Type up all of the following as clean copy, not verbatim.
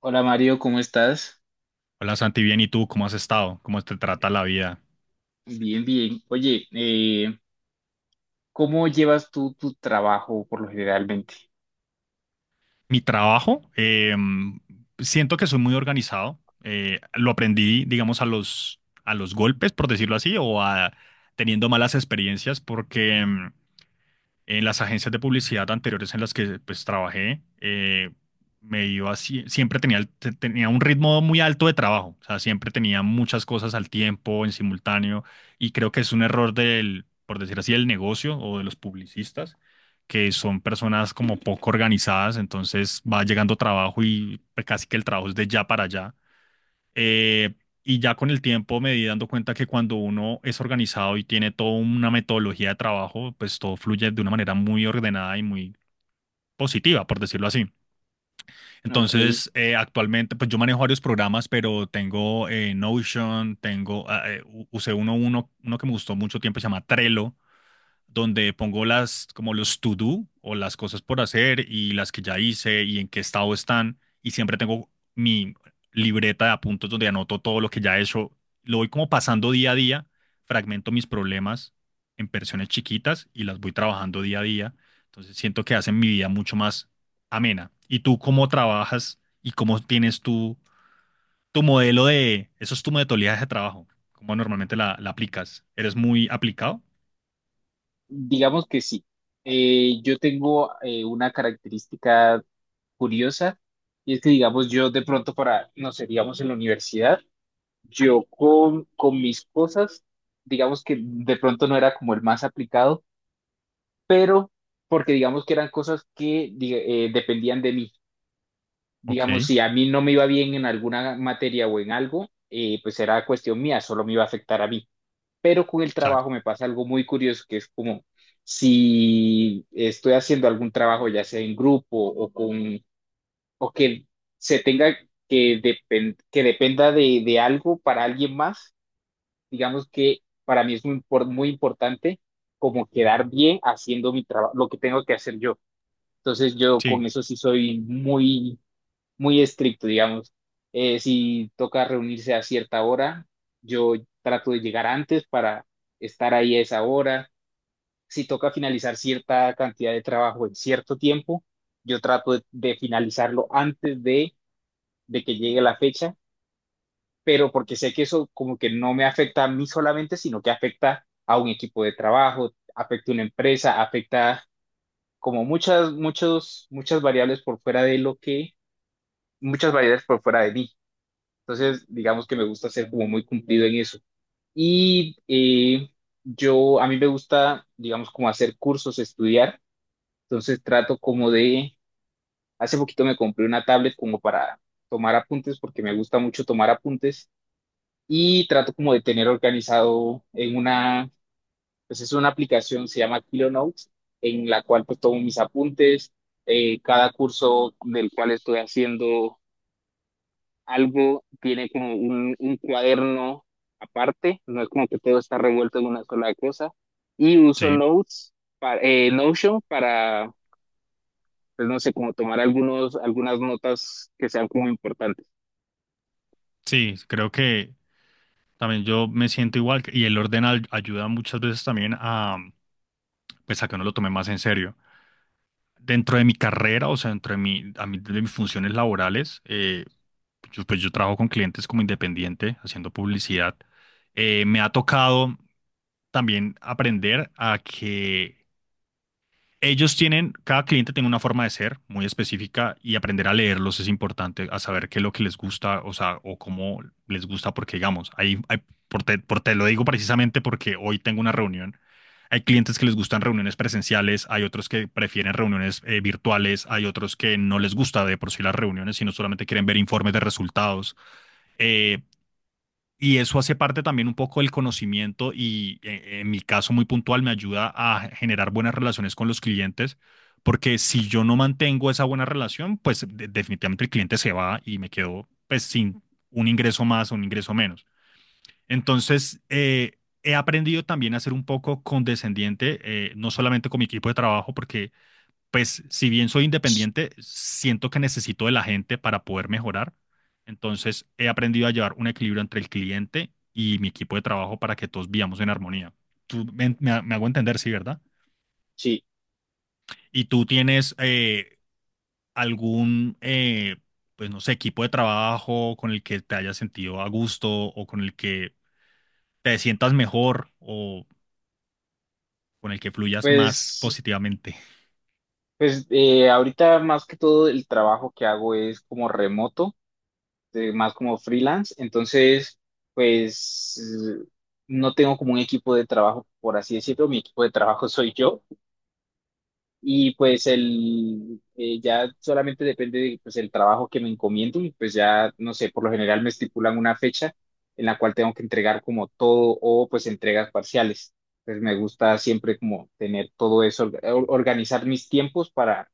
Hola Mario, ¿cómo estás? Hola Santi, bien, ¿y tú cómo has estado? ¿Cómo te trata la vida? Bien, bien. Oye, ¿cómo llevas tú tu trabajo por lo generalmente? Mi trabajo, siento que soy muy organizado. Lo aprendí, digamos, a los golpes, por decirlo así, o a teniendo malas experiencias, porque en las agencias de publicidad anteriores en las que pues trabajé, siempre tenía, tenía un ritmo muy alto de trabajo, o sea, siempre tenía muchas cosas al tiempo, en simultáneo, y creo que es un error del, por decir así, del negocio o de los publicistas, que son personas como poco organizadas, entonces va llegando trabajo y pues, casi que el trabajo es de ya para allá. Eh, y ya con el tiempo me di dando cuenta que cuando uno es organizado y tiene toda una metodología de trabajo, pues todo fluye de una manera muy ordenada y muy positiva, por decirlo así. Ok, Entonces, actualmente, pues yo manejo varios programas, pero tengo Notion, tengo, usé uno que me gustó mucho tiempo, se llama Trello, donde pongo las, como los to do o las cosas por hacer y las que ya hice y en qué estado están. Y siempre tengo mi libreta de apuntes donde anoto todo lo que ya he hecho. Lo voy como pasando día a día, fragmento mis problemas en versiones chiquitas y las voy trabajando día a día. Entonces siento que hacen mi vida mucho más amena. ¿Y tú cómo trabajas y cómo tienes tu, tu modelo de, eso es tu metodología de trabajo? ¿Cómo normalmente la, la aplicas? ¿Eres muy aplicado? digamos que sí. Yo tengo una característica curiosa, y es que, digamos, yo de pronto para, no sé, digamos en la universidad, yo con mis cosas, digamos que de pronto no era como el más aplicado, pero porque digamos que eran cosas que dependían de mí. Ok, Digamos, si a o mí no me iba bien en alguna materia o en algo, pues era cuestión mía, solo me iba a afectar a mí. Pero con el trabajo me pasa algo muy curioso, que es como si estoy haciendo algún trabajo, ya sea en grupo o que se tenga que, dependa de algo para alguien más, digamos que para mí es muy importante como quedar bien haciendo mi trabajo, lo que tengo que hacer yo. Entonces yo con Sí. eso sí soy muy estricto, digamos. Si toca reunirse a cierta hora, yo trato de llegar antes para estar ahí a esa hora. Si toca finalizar cierta cantidad de trabajo en cierto tiempo, yo trato de finalizarlo antes de que llegue la fecha, pero porque sé que eso como que no me afecta a mí solamente, sino que afecta a un equipo de trabajo, afecta a una empresa, afecta como muchas variables por fuera de lo que, muchas variables por fuera de mí. Entonces, digamos que me gusta ser como muy cumplido en eso. Y yo, a mí me gusta, digamos, como hacer cursos, estudiar. Entonces trato como hace poquito me compré una tablet como para tomar apuntes, porque me gusta mucho tomar apuntes. Y trato como de tener organizado en una, pues es una aplicación, se llama Kilo Notes, en la cual pues tomo mis apuntes, cada curso del cual estoy haciendo algo tiene como un cuaderno aparte, no es como que todo está revuelto en una sola cosa, y uso Sí, Notes, para, Notion para, pues no sé, como tomar algunas notas que sean como importantes. sí, creo que también yo me siento igual y el orden ayuda muchas veces también a, pues a que uno lo tome más en serio. Dentro de mi carrera, o sea, dentro de mi, de mis funciones laborales, yo, pues yo trabajo con clientes como independiente, haciendo publicidad. Me ha tocado también aprender a que ellos tienen, cada cliente tiene una forma de ser muy específica y aprender a leerlos es importante, a saber qué es lo que les gusta, o sea, o cómo les gusta, porque digamos, por te lo digo precisamente porque hoy tengo una reunión. Hay clientes que les gustan reuniones presenciales, hay otros que prefieren reuniones virtuales, hay otros que no les gusta de por sí las reuniones, sino solamente quieren ver informes de resultados. Eh, y eso hace parte también un poco del conocimiento y en mi caso muy puntual me ayuda a generar buenas relaciones con los clientes, porque si yo no mantengo esa buena relación, pues definitivamente el cliente se va y me quedo pues sin un ingreso más o un ingreso menos. Entonces, he aprendido también a ser un poco condescendiente, no solamente con mi equipo de trabajo, porque pues si bien soy independiente, siento que necesito de la gente para poder mejorar. Entonces he aprendido a llevar un equilibrio entre el cliente y mi equipo de trabajo para que todos vivamos en armonía. Tú me hago entender, sí, ¿verdad? Sí, Y tú tienes algún, pues no sé, equipo de trabajo con el que te hayas sentido a gusto o con el que te sientas mejor o con el que fluyas más pues, positivamente. pues ahorita más que todo el trabajo que hago es como remoto, más como freelance, entonces pues eh, no tengo como un equipo de trabajo, por así decirlo, mi equipo de trabajo soy yo. Y pues el ya solamente depende de pues el trabajo que me encomienden y pues ya no sé, por lo general me estipulan una fecha en la cual tengo que entregar como todo o pues entregas parciales. Entonces me gusta siempre como tener todo eso, organizar mis tiempos para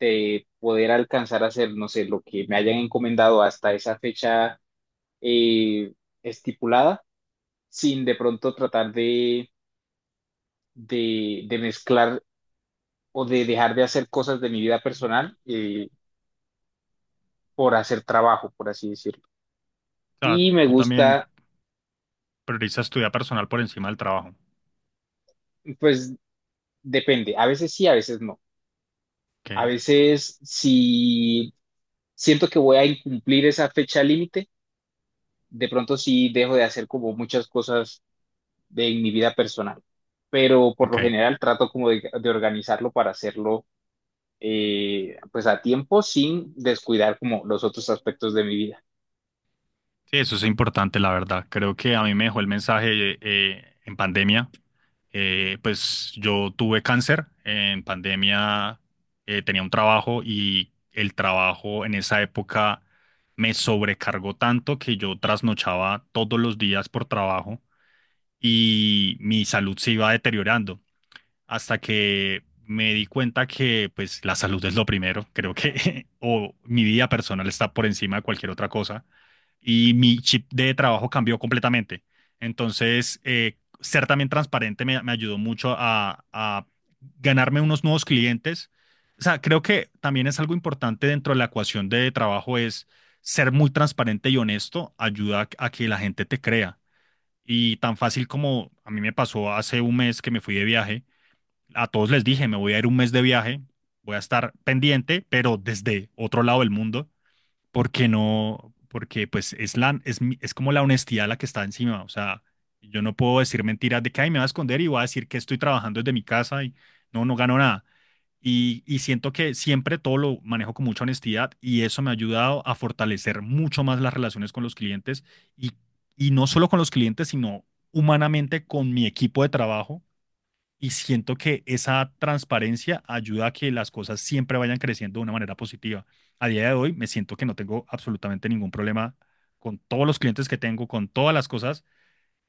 poder alcanzar a hacer, no sé, lo que me hayan encomendado hasta esa fecha eh, estipulada, sin de pronto tratar de mezclar o de dejar de hacer cosas de mi vida personal por hacer trabajo, por así decirlo. O sea, Y me tú también gusta, priorizas tu vida personal por encima del trabajo. pues depende, a veces sí, a veces no. A Ok, veces si siento que voy a incumplir esa fecha límite, de pronto sí dejo de hacer como muchas cosas de en mi vida personal, pero por ok. lo general trato como de organizarlo para hacerlo pues a tiempo sin descuidar como los otros aspectos de mi vida. Sí, eso es importante, la verdad. Creo que a mí me dejó el mensaje en pandemia. Pues yo tuve cáncer en pandemia, tenía un trabajo y el trabajo en esa época me sobrecargó tanto que yo trasnochaba todos los días por trabajo y mi salud se iba deteriorando hasta que me di cuenta que pues la salud es lo primero, creo que o mi vida personal está por encima de cualquier otra cosa y mi chip de trabajo cambió completamente. Entonces, ser también transparente me, me ayudó mucho a ganarme unos nuevos clientes. O sea, creo que también es algo importante dentro de la ecuación de trabajo es ser muy transparente y honesto ayuda a que la gente te crea. Y tan fácil como a mí me pasó hace un mes que me fui de viaje, a todos les dije, me voy a ir un mes de viaje, voy a estar pendiente, pero desde otro lado del mundo porque no, porque pues es como la honestidad la que está encima, o sea, yo no puedo decir mentiras de que "Ay, me voy a esconder y voy a decir que estoy trabajando desde mi casa y no, no gano nada. Y siento que siempre todo lo manejo con mucha honestidad y eso me ha ayudado a fortalecer mucho más las relaciones con los clientes y, y no solo con los clientes, sino humanamente con mi equipo de trabajo y siento que esa transparencia ayuda a que las cosas siempre vayan creciendo de una manera positiva. A día de hoy me siento que no tengo absolutamente ningún problema con todos los clientes que tengo, con todas las cosas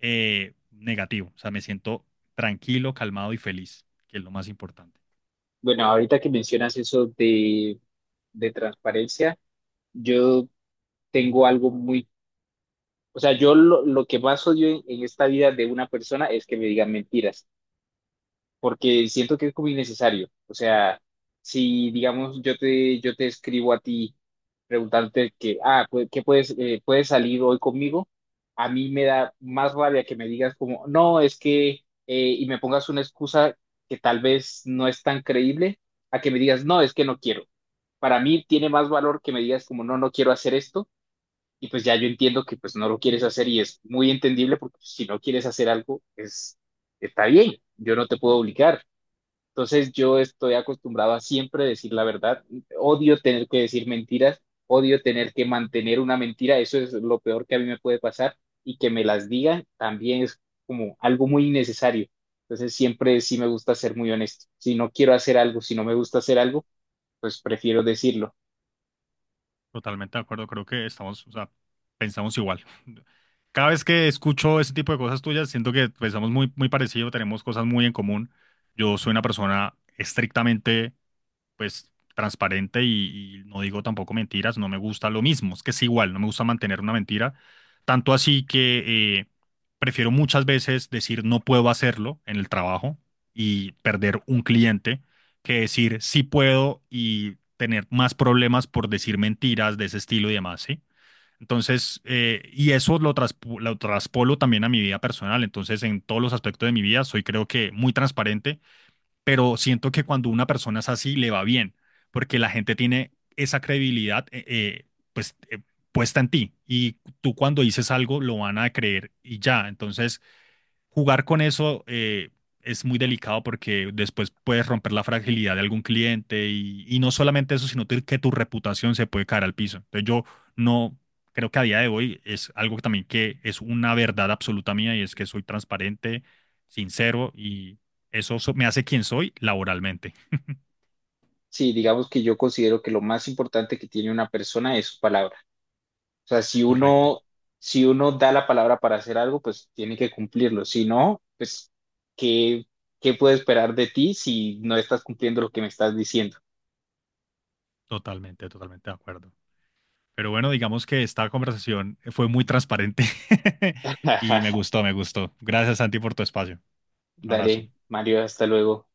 negativo. O sea, me siento tranquilo, calmado y feliz, que es lo más importante. Bueno, ahorita que mencionas eso de transparencia, yo tengo algo muy, o sea, yo lo que más odio en esta vida de una persona es que me digan mentiras, porque siento que es como innecesario. O sea, si digamos yo te escribo a ti preguntarte que, ah, pues, ¿qué puedes, puedes salir hoy conmigo? A mí me da más rabia que me digas como, no, es que, y me pongas una excusa que tal vez no es tan creíble, a que me digas, no, es que no quiero. Para mí tiene más valor que me digas como, no, no quiero hacer esto y pues ya yo entiendo que pues no lo quieres hacer y es muy entendible porque pues, si no quieres hacer algo, es, está bien, yo no te puedo obligar. Entonces yo estoy acostumbrado a siempre decir la verdad, odio tener que decir mentiras, odio tener que mantener una mentira, eso es lo peor que a mí me puede pasar, y que me las digan también es como algo muy innecesario. Entonces siempre sí me gusta ser muy honesto. Si no quiero hacer algo, si no me gusta hacer algo, pues prefiero decirlo. Totalmente de acuerdo, creo que estamos, o sea, pensamos igual. Cada vez que escucho ese tipo de cosas tuyas, siento que pensamos muy, muy parecido, tenemos cosas muy en común. Yo soy una persona estrictamente pues transparente y no digo tampoco mentiras, no me gusta lo mismo, es que es igual, no me gusta mantener una mentira, tanto así que prefiero muchas veces decir no puedo hacerlo en el trabajo y perder un cliente que decir sí puedo y tener más problemas por decir mentiras de ese estilo y demás, ¿sí? Entonces, y eso lo traspolo también a mi vida personal. Entonces, en todos los aspectos de mi vida, soy creo que muy transparente pero siento que cuando una persona es así, le va bien, porque la gente tiene esa credibilidad pues, puesta en ti y tú cuando dices algo lo van a creer y ya. Entonces, jugar con eso es muy delicado porque después puedes romper la fragilidad de algún cliente y no solamente eso, sino que tu reputación se puede caer al piso. Entonces yo no creo que a día de hoy es algo que también que es una verdad absoluta mía y es que soy transparente, sincero y eso me hace quien soy laboralmente. Sí, digamos que yo considero que lo más importante que tiene una persona es su palabra. O sea, Correcto, si uno da la palabra para hacer algo, pues tiene que cumplirlo. Si no, pues, ¿qué, qué puedo esperar de ti si no estás cumpliendo lo que me estás diciendo? totalmente, totalmente de acuerdo. Pero bueno, digamos que esta conversación fue muy transparente y me gustó, me gustó. Gracias, Santi, por tu espacio. Un abrazo. Dale, Mario, hasta luego.